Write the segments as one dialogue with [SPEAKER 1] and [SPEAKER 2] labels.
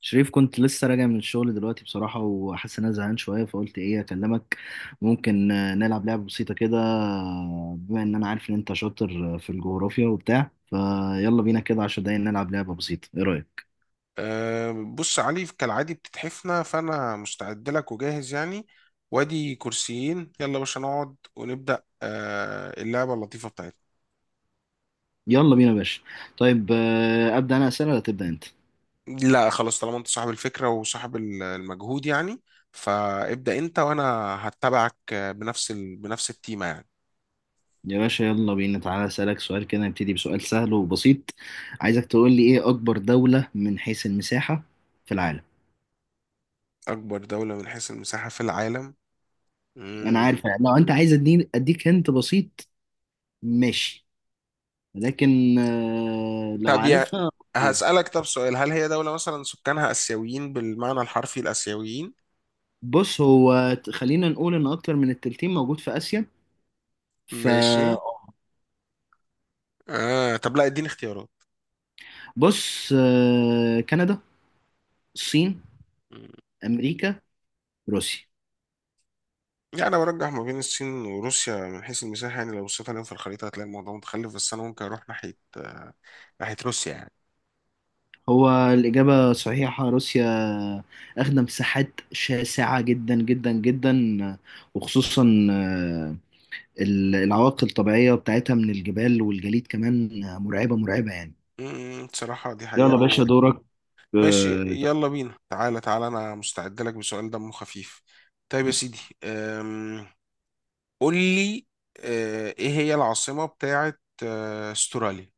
[SPEAKER 1] شريف، كنت لسه راجع من الشغل دلوقتي بصراحة وحاسس إن أنا زهقان شوية. فقلت إيه أكلمك. ممكن نلعب لعبة بسيطة كده، بما إن أنا عارف إن أنت شاطر في الجغرافيا وبتاع. فيلا بينا كده 10 دقايق نلعب لعبة بسيطة، إيه رأيك؟
[SPEAKER 2] أه، بص يا علي، كالعادي بتتحفنا، فأنا مستعد لك وجاهز يعني. وادي كرسيين، يلا يا باشا نقعد ونبدأ اللعبة اللطيفة بتاعتنا.
[SPEAKER 1] يلا بينا يا باشا. طيب، أبدأ أنا أسئلة ولا تبدأ أنت؟
[SPEAKER 2] لا خلاص، طالما انت صاحب الفكرة وصاحب المجهود يعني، فابدأ انت وانا هتبعك بنفس بنفس التيمة يعني.
[SPEAKER 1] يا باشا يلا بينا، تعالى أسألك سؤال كده، نبتدي بسؤال سهل وبسيط. عايزك تقول لي إيه أكبر دولة من حيث المساحة في العالم؟
[SPEAKER 2] أكبر دولة من حيث المساحة في العالم.
[SPEAKER 1] أنا عارف
[SPEAKER 2] مم.
[SPEAKER 1] لو أنت عايز أديني، أديك هنت بسيط. ماشي، لكن لو
[SPEAKER 2] طب يا
[SPEAKER 1] عارفها أوكي.
[SPEAKER 2] هسألك طب سؤال، هل هي دولة مثلا سكانها آسيويين، بالمعنى الحرفي الآسيويين؟
[SPEAKER 1] بص هو خلينا نقول ان اكتر من التلتين موجود في اسيا،
[SPEAKER 2] ماشي.
[SPEAKER 1] فبص.
[SPEAKER 2] آه طب لا، اديني اختيارات.
[SPEAKER 1] كندا، الصين، امريكا، روسيا.
[SPEAKER 2] يعني انا برجح ما بين الصين وروسيا من حيث المساحه، يعني لو بصيت عليهم في الخريطه هتلاقي الموضوع متخلف، بس انا ممكن اروح ناحيه روسيا يعني.
[SPEAKER 1] هو الاجابه صحيحه، روسيا. اخدة مساحات شاسعه جدا جدا جدا، وخصوصا العوائق الطبيعيه بتاعتها من الجبال والجليد كمان، مرعبه مرعبه يعني.
[SPEAKER 2] بصراحه دي
[SPEAKER 1] يلا
[SPEAKER 2] حقيقه
[SPEAKER 1] باشا
[SPEAKER 2] و...
[SPEAKER 1] دورك.
[SPEAKER 2] ماشي
[SPEAKER 1] آه،
[SPEAKER 2] يلا بينا، تعالى تعالى انا مستعد لك بسؤال دمه خفيف. طيب يا سيدي، قول لي، ايه هي العاصمه بتاعه استراليا؟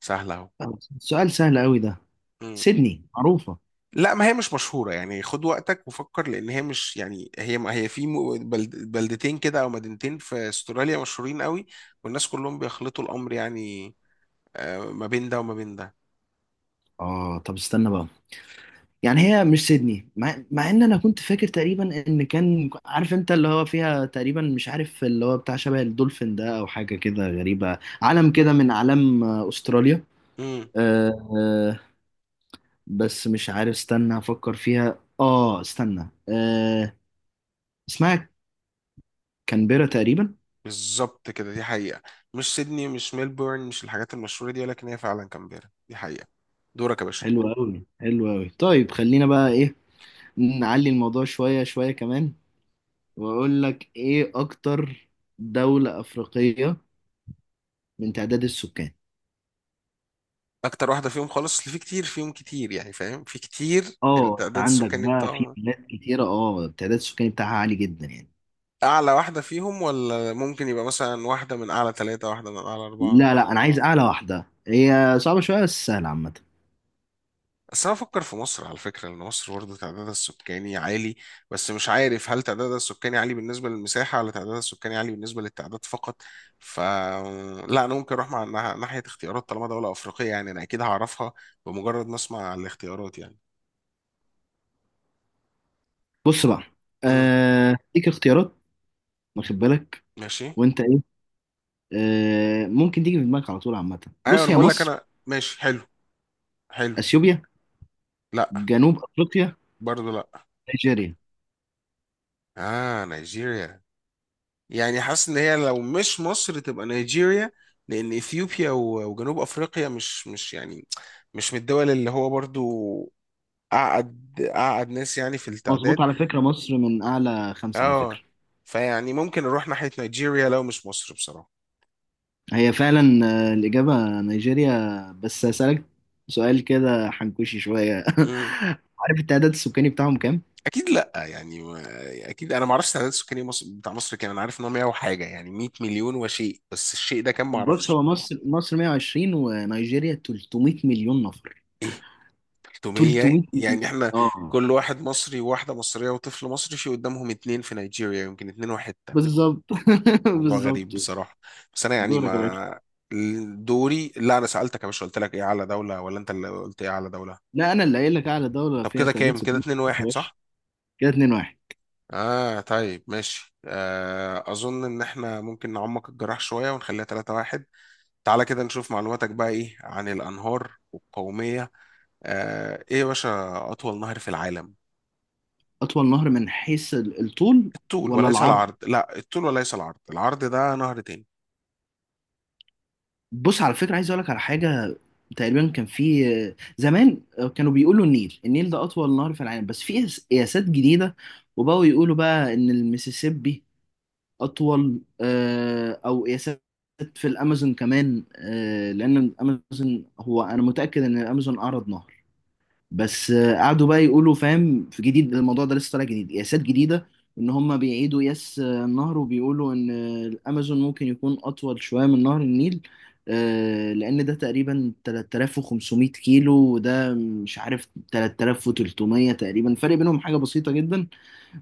[SPEAKER 2] سهله.
[SPEAKER 1] سؤال سهل قوي ده.
[SPEAKER 2] اهو.
[SPEAKER 1] سيدني معروفة.
[SPEAKER 2] لا ما هي مش مشهورة، يعني خد وقتك وفكر، لأن هي مش يعني، هي ما هي في بلد بلدتين كده أو مدينتين في أستراليا مشهورين قوي، والناس كلهم بيخلطوا الأمر يعني، ما بين ده وما بين ده.
[SPEAKER 1] اه طب استنى بقى، يعني هي مش سيدني، مع ان انا كنت فاكر تقريبا ان كان عارف، انت اللي هو فيها تقريبا، مش عارف اللي هو بتاع شبه الدولفين ده او حاجة كده غريبة، علم كده من اعلام استراليا.
[SPEAKER 2] امم.
[SPEAKER 1] آه آه بس مش عارف، استنى افكر فيها. اه استنى اسمها كانبيرا تقريبا.
[SPEAKER 2] بالظبط كده، دي حقيقة. مش سيدني، مش ميلبورن، مش الحاجات المشهورة دي، ولكن هي فعلا كامبيرا، دي حقيقة. دورك يا باشا.
[SPEAKER 1] حلو قوي حلو قوي. طيب، خلينا بقى ايه، نعلي الموضوع شوية شوية كمان. واقول لك ايه اكتر دولة أفريقية من تعداد السكان.
[SPEAKER 2] أكتر واحدة فيهم خالص، اللي في كتير فيهم كتير يعني، فاهم، في كتير؟
[SPEAKER 1] اه،
[SPEAKER 2] التعداد
[SPEAKER 1] عندك
[SPEAKER 2] السكاني
[SPEAKER 1] بقى في
[SPEAKER 2] بتاعهم،
[SPEAKER 1] بلاد كتيرة، التعداد السكاني بتاعها عالي جدا يعني.
[SPEAKER 2] أعلى واحدة فيهم ولا ممكن يبقى مثلا واحدة من أعلى ثلاثة، واحدة من أعلى أربعة؟
[SPEAKER 1] لا لا، انا عايز اعلى واحدة، هي صعبة شوية بس سهلة عامة.
[SPEAKER 2] بس انا بفكر في مصر على فكره، لان مصر برضه تعدادها السكاني عالي، بس مش عارف هل تعدادها السكاني عالي بالنسبه للمساحه، ولا تعدادها السكاني عالي بالنسبه للتعداد فقط. ف لا، انا ممكن اروح ناحيه اختيارات، طالما دوله افريقيه يعني انا اكيد هعرفها بمجرد ما اسمع الاختيارات يعني.
[SPEAKER 1] بص بقى،
[SPEAKER 2] امم.
[SPEAKER 1] ليك اختيارات، واخد بالك،
[SPEAKER 2] ماشي.
[SPEAKER 1] وانت ايه، ممكن تيجي في دماغك على طول عامة.
[SPEAKER 2] ايوه
[SPEAKER 1] بص،
[SPEAKER 2] انا
[SPEAKER 1] هي
[SPEAKER 2] بقول لك،
[SPEAKER 1] مصر،
[SPEAKER 2] انا ماشي. حلو. حلو.
[SPEAKER 1] اثيوبيا،
[SPEAKER 2] لا.
[SPEAKER 1] جنوب افريقيا،
[SPEAKER 2] برضه لا.
[SPEAKER 1] نيجيريا.
[SPEAKER 2] اه نيجيريا. يعني حاسس ان هي لو مش مصر تبقى نيجيريا، لان اثيوبيا وجنوب افريقيا مش يعني مش من الدول اللي هو برضو اقعد اقعد ناس يعني في
[SPEAKER 1] مظبوط،
[SPEAKER 2] التعداد.
[SPEAKER 1] على فكرة مصر من اعلى خمسة على
[SPEAKER 2] اه.
[SPEAKER 1] فكرة.
[SPEAKER 2] فيعني ممكن نروح ناحية نيجيريا لو مش مصر بصراحة.
[SPEAKER 1] هي فعلا الإجابة نيجيريا، بس هسألك سؤال كده حنكوشي شوية.
[SPEAKER 2] امم.
[SPEAKER 1] عارف التعداد السكاني بتاعهم كام؟
[SPEAKER 2] اكيد لا يعني، اكيد انا ما اعرفش التعداد السكاني مصر بتاع مصر كام، انا عارف ان هو 100 وحاجة يعني، 100 مليون وشيء، بس الشيء ده كام ما
[SPEAKER 1] بص
[SPEAKER 2] اعرفش.
[SPEAKER 1] هو مصر مصر 120، ونيجيريا 300 مليون نفر.
[SPEAKER 2] إيه؟ 600؟
[SPEAKER 1] 300 مليون.
[SPEAKER 2] يعني احنا
[SPEAKER 1] اه
[SPEAKER 2] كل واحد مصري وواحدة مصرية وطفل مصري في قدامهم اتنين في نيجيريا، يمكن اتنين وحتة.
[SPEAKER 1] بالظبط.
[SPEAKER 2] موضوع غريب
[SPEAKER 1] بالظبط.
[SPEAKER 2] بصراحة. بس انا يعني
[SPEAKER 1] دورك يا باشا.
[SPEAKER 2] ما. دوري؟ لا انا سألتك يا باشا، قلت لك ايه اعلى دولة، ولا انت اللي قلت ايه اعلى دولة؟
[SPEAKER 1] لا، أنا اللي قايل لك أعلى دولة
[SPEAKER 2] طب
[SPEAKER 1] فيها
[SPEAKER 2] كده
[SPEAKER 1] تعداد
[SPEAKER 2] كام؟ كده
[SPEAKER 1] سكاني
[SPEAKER 2] اتنين
[SPEAKER 1] يا
[SPEAKER 2] واحد
[SPEAKER 1] باشا.
[SPEAKER 2] صح؟
[SPEAKER 1] كده 2-1.
[SPEAKER 2] اه طيب ماشي، اظن ان احنا ممكن نعمق الجراح شوية ونخليها 3-1. تعالى كده نشوف معلوماتك بقى ايه عن الانهار والقومية. ايه يا باشا اطول نهر في العالم؟
[SPEAKER 1] أطول نهر من حيث الطول
[SPEAKER 2] الطول
[SPEAKER 1] ولا
[SPEAKER 2] وليس
[SPEAKER 1] العرض؟
[SPEAKER 2] العرض، لا الطول وليس العرض، العرض ده نهر تاني.
[SPEAKER 1] بص، على فكرة عايز اقول لك على حاجة. تقريبا كان في زمان كانوا بيقولوا النيل النيل ده اطول نهر في العالم، بس في قياسات جديدة. وبقوا يقولوا بقى ان المسيسيبي اطول، او قياسات في الامازون كمان، لان الامازون، هو انا متأكد ان الامازون اعرض نهر. بس قعدوا بقى يقولوا فاهم في جديد، الموضوع ده لسه طالع جديد قياسات جديده. ان هم بيعيدوا قياس النهر، وبيقولوا ان الامازون ممكن يكون اطول شويه من نهر النيل، لان ده تقريبا 3500 كيلو، وده مش عارف 3300 تقريبا، فرق بينهم حاجه بسيطه جدا.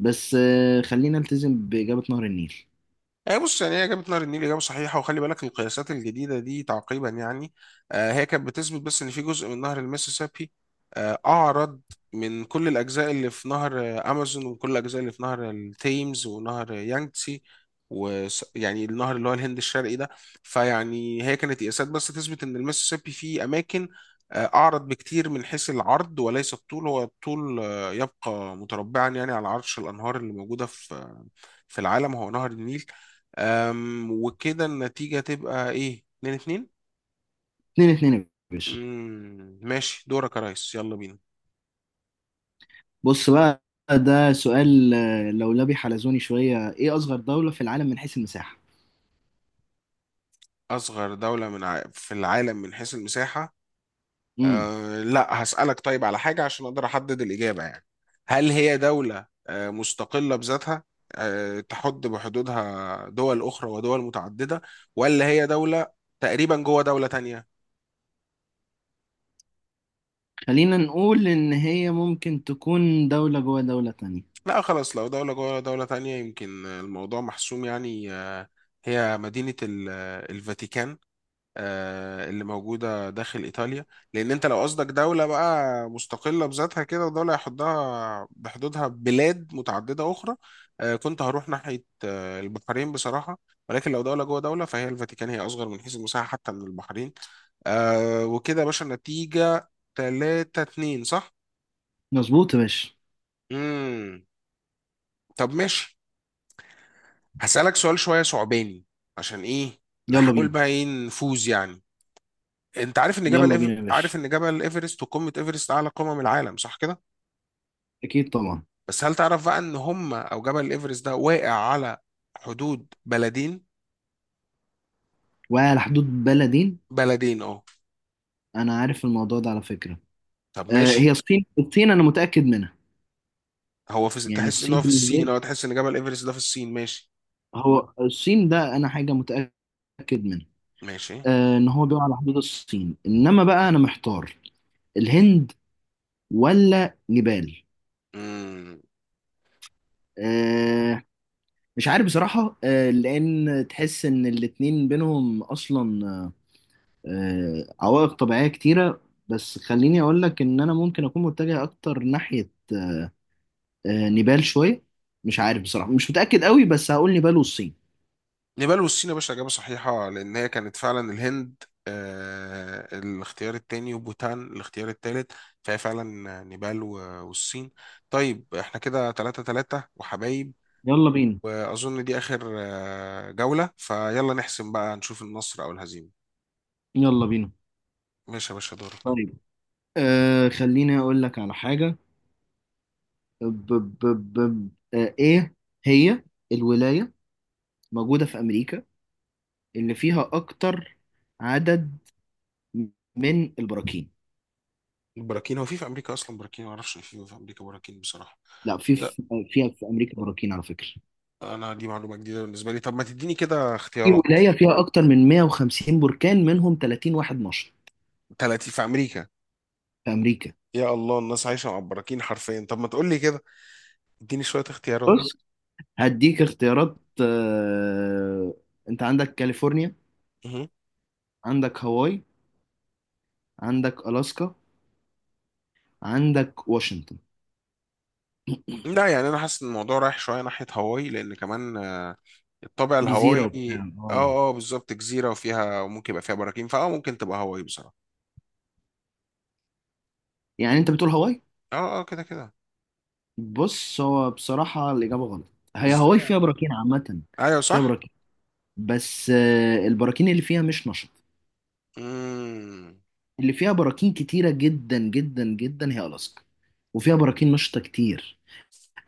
[SPEAKER 1] بس خلينا نلتزم باجابه نهر النيل.
[SPEAKER 2] هي بص، يعني هي إجابة نهر النيل إجابة صحيحة، وخلي بالك القياسات الجديدة دي تعقيبا يعني، هي كانت بتثبت بس إن في جزء من نهر المسيسيبي أعرض من كل الأجزاء اللي في نهر أمازون، وكل الأجزاء اللي في نهر التيمز ونهر يانجتسي، ويعني النهر اللي هو الهند الشرقي ده. فيعني هي كانت قياسات بس تثبت إن المسيسيبي فيه أماكن أعرض بكتير من حيث العرض وليس الطول، هو الطول يبقى متربعا يعني على عرش الأنهار اللي موجودة في في العالم هو نهر النيل. وكده النتيجة تبقى ايه، 2-2.
[SPEAKER 1] 2-2 يا باشا.
[SPEAKER 2] ماشي، دورك يا ريس، يلا بينا.
[SPEAKER 1] بص بقى، ده سؤال لولبي حلزوني شويه، ايه اصغر دوله في العالم من حيث المساحه؟
[SPEAKER 2] أصغر دولة في العالم من حيث المساحة؟
[SPEAKER 1] امم
[SPEAKER 2] لا، هسألك طيب على حاجة عشان أقدر أحدد الإجابة يعني. هل هي دولة مستقلة بذاتها، أه تحد بحدودها دول أخرى ودول متعددة، ولا هي دولة تقريبا جوه دولة تانية؟
[SPEAKER 1] خلينا نقول إن هي ممكن تكون دولة جوه دولة تانية.
[SPEAKER 2] لا خلاص، لو دولة جوه دولة تانية يمكن الموضوع محسوم يعني. أه، هي مدينة الفاتيكان اللي موجودة داخل إيطاليا. لأن أنت لو قصدك دولة بقى مستقلة بذاتها كده، ودولة يحضها بحدودها بلاد متعددة أخرى، كنت هروح ناحية البحرين بصراحة، ولكن لو دولة جوه دولة فهي الفاتيكان، هي أصغر من حيث المساحة حتى من البحرين. وكده يا باشا النتيجة 3-2 صح؟
[SPEAKER 1] مظبوط يا باشا.
[SPEAKER 2] مم. طب ماشي، هسألك سؤال شوية صعباني، عشان إيه؟
[SPEAKER 1] يلا
[SPEAKER 2] نحاول
[SPEAKER 1] بينا.
[SPEAKER 2] بقى إيه، نفوز يعني. انت عارف ان
[SPEAKER 1] يلا بينا يا باشا،
[SPEAKER 2] عارف ان جبل ايفرست وقمه ايفرست اعلى قمم العالم صح كده؟
[SPEAKER 1] أكيد طبعا.
[SPEAKER 2] بس هل تعرف بقى ان هم، او جبل ايفرست ده واقع على حدود بلدين؟
[SPEAKER 1] وعلى حدود بلدين.
[SPEAKER 2] بلدين اه.
[SPEAKER 1] أنا عارف الموضوع ده على فكرة.
[SPEAKER 2] طب
[SPEAKER 1] هي
[SPEAKER 2] ماشي.
[SPEAKER 1] الصين، الصين أنا متأكد منها.
[SPEAKER 2] هو في،
[SPEAKER 1] يعني
[SPEAKER 2] تحس ان
[SPEAKER 1] الصين
[SPEAKER 2] هو في
[SPEAKER 1] بالنسبة
[SPEAKER 2] الصين،
[SPEAKER 1] لي،
[SPEAKER 2] او تحس ان جبل ايفرست ده في الصين؟ ماشي.
[SPEAKER 1] هو الصين ده أنا حاجة متأكد منها.
[SPEAKER 2] ماشي.
[SPEAKER 1] إن هو بيقع على حدود الصين، إنما بقى أنا محتار، الهند ولا نيبال؟
[SPEAKER 2] امم.
[SPEAKER 1] آه مش عارف بصراحة، لأن تحس إن الاتنين بينهم أصلا عوائق طبيعية كتيرة. بس خليني أقول لك إن أنا ممكن أكون متجه أكتر ناحية نيبال شوية. مش عارف بصراحة، مش متأكد قوي، بس هقول نيبال والصين.
[SPEAKER 2] نيبال والصين يا باشا اجابه صحيحه، لان هي كانت فعلا الهند الاختيار التاني، وبوتان الاختيار التالت، فهي فعلا نيبال والصين. طيب احنا كده 3-3 وحبايب،
[SPEAKER 1] يلا بينا.
[SPEAKER 2] واظن دي اخر جولة، فيلا نحسم بقى نشوف النصر او الهزيمة.
[SPEAKER 1] يلا بينا.
[SPEAKER 2] ماشي يا باشا دورك.
[SPEAKER 1] طيب، خليني أقول لك على حاجة. ب ب ب إيه هي الولاية موجودة في أمريكا اللي فيها أكتر عدد من البراكين؟
[SPEAKER 2] البراكين؟ هو في في امريكا اصلا براكين؟ ما اعرفش ان في في امريكا براكين بصراحة.
[SPEAKER 1] لا،
[SPEAKER 2] لا،
[SPEAKER 1] فيها في أمريكا براكين على فكرة.
[SPEAKER 2] انا دي معلومة جديدة بالنسبة لي، طب ما تديني كده
[SPEAKER 1] في
[SPEAKER 2] اختيارات.
[SPEAKER 1] ولاية فيها أكتر من 150 بركان، منهم 30 واحد نشط.
[SPEAKER 2] 30 في امريكا؟
[SPEAKER 1] في امريكا.
[SPEAKER 2] يا الله، الناس عايشة مع البراكين حرفيا. طب ما تقول لي كده، اديني شوية اختيارات.
[SPEAKER 1] بص، هديك اختيارات، انت عندك كاليفورنيا،
[SPEAKER 2] مهم.
[SPEAKER 1] عندك هاواي، عندك الاسكا، عندك واشنطن.
[SPEAKER 2] لا يعني انا حاسس ان الموضوع رايح شوية ناحية هاواي، لان كمان الطابع
[SPEAKER 1] جزيرة
[SPEAKER 2] الهوائي،
[SPEAKER 1] وبتاع،
[SPEAKER 2] اه اه بالظبط، جزيرة وفيها وممكن يبقى فيها براكين، فاه ممكن تبقى هاواي بصراحة.
[SPEAKER 1] يعني انت بتقول هاواي.
[SPEAKER 2] اه اه كده كده.
[SPEAKER 1] بص، هو بصراحة الإجابة غلط. هي
[SPEAKER 2] ازاي
[SPEAKER 1] هاواي فيها
[SPEAKER 2] يعني؟
[SPEAKER 1] براكين عامة.
[SPEAKER 2] ايوه
[SPEAKER 1] فيها
[SPEAKER 2] صح.
[SPEAKER 1] براكين، بس البراكين اللي فيها مش نشط.
[SPEAKER 2] امم.
[SPEAKER 1] اللي فيها براكين كتيرة جدا جدا جدا هي ألاسكا، وفيها براكين نشطة كتير.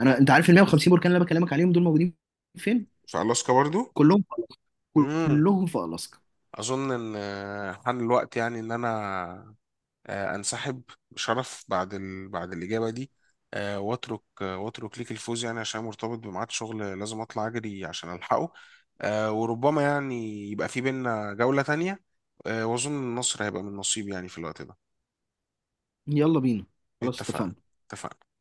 [SPEAKER 1] انت عارف ال 150 بركان اللي انا بكلمك عليهم دول موجودين فين؟
[SPEAKER 2] في الاسكا برضو.
[SPEAKER 1] كلهم في ألاسكا.
[SPEAKER 2] امم.
[SPEAKER 1] كلهم في ألاسكا.
[SPEAKER 2] اظن ان حان الوقت يعني ان انا انسحب بشرف بعد بعد الاجابه دي، واترك واترك ليك الفوز يعني، عشان مرتبط بميعاد شغل لازم اطلع اجري عشان الحقه. وربما يعني يبقى في بينا جوله تانية، واظن النصر هيبقى من نصيب يعني في الوقت ده.
[SPEAKER 1] يلا بينا. خلاص
[SPEAKER 2] اتفقنا.
[SPEAKER 1] اتفقنا.
[SPEAKER 2] اتفقنا.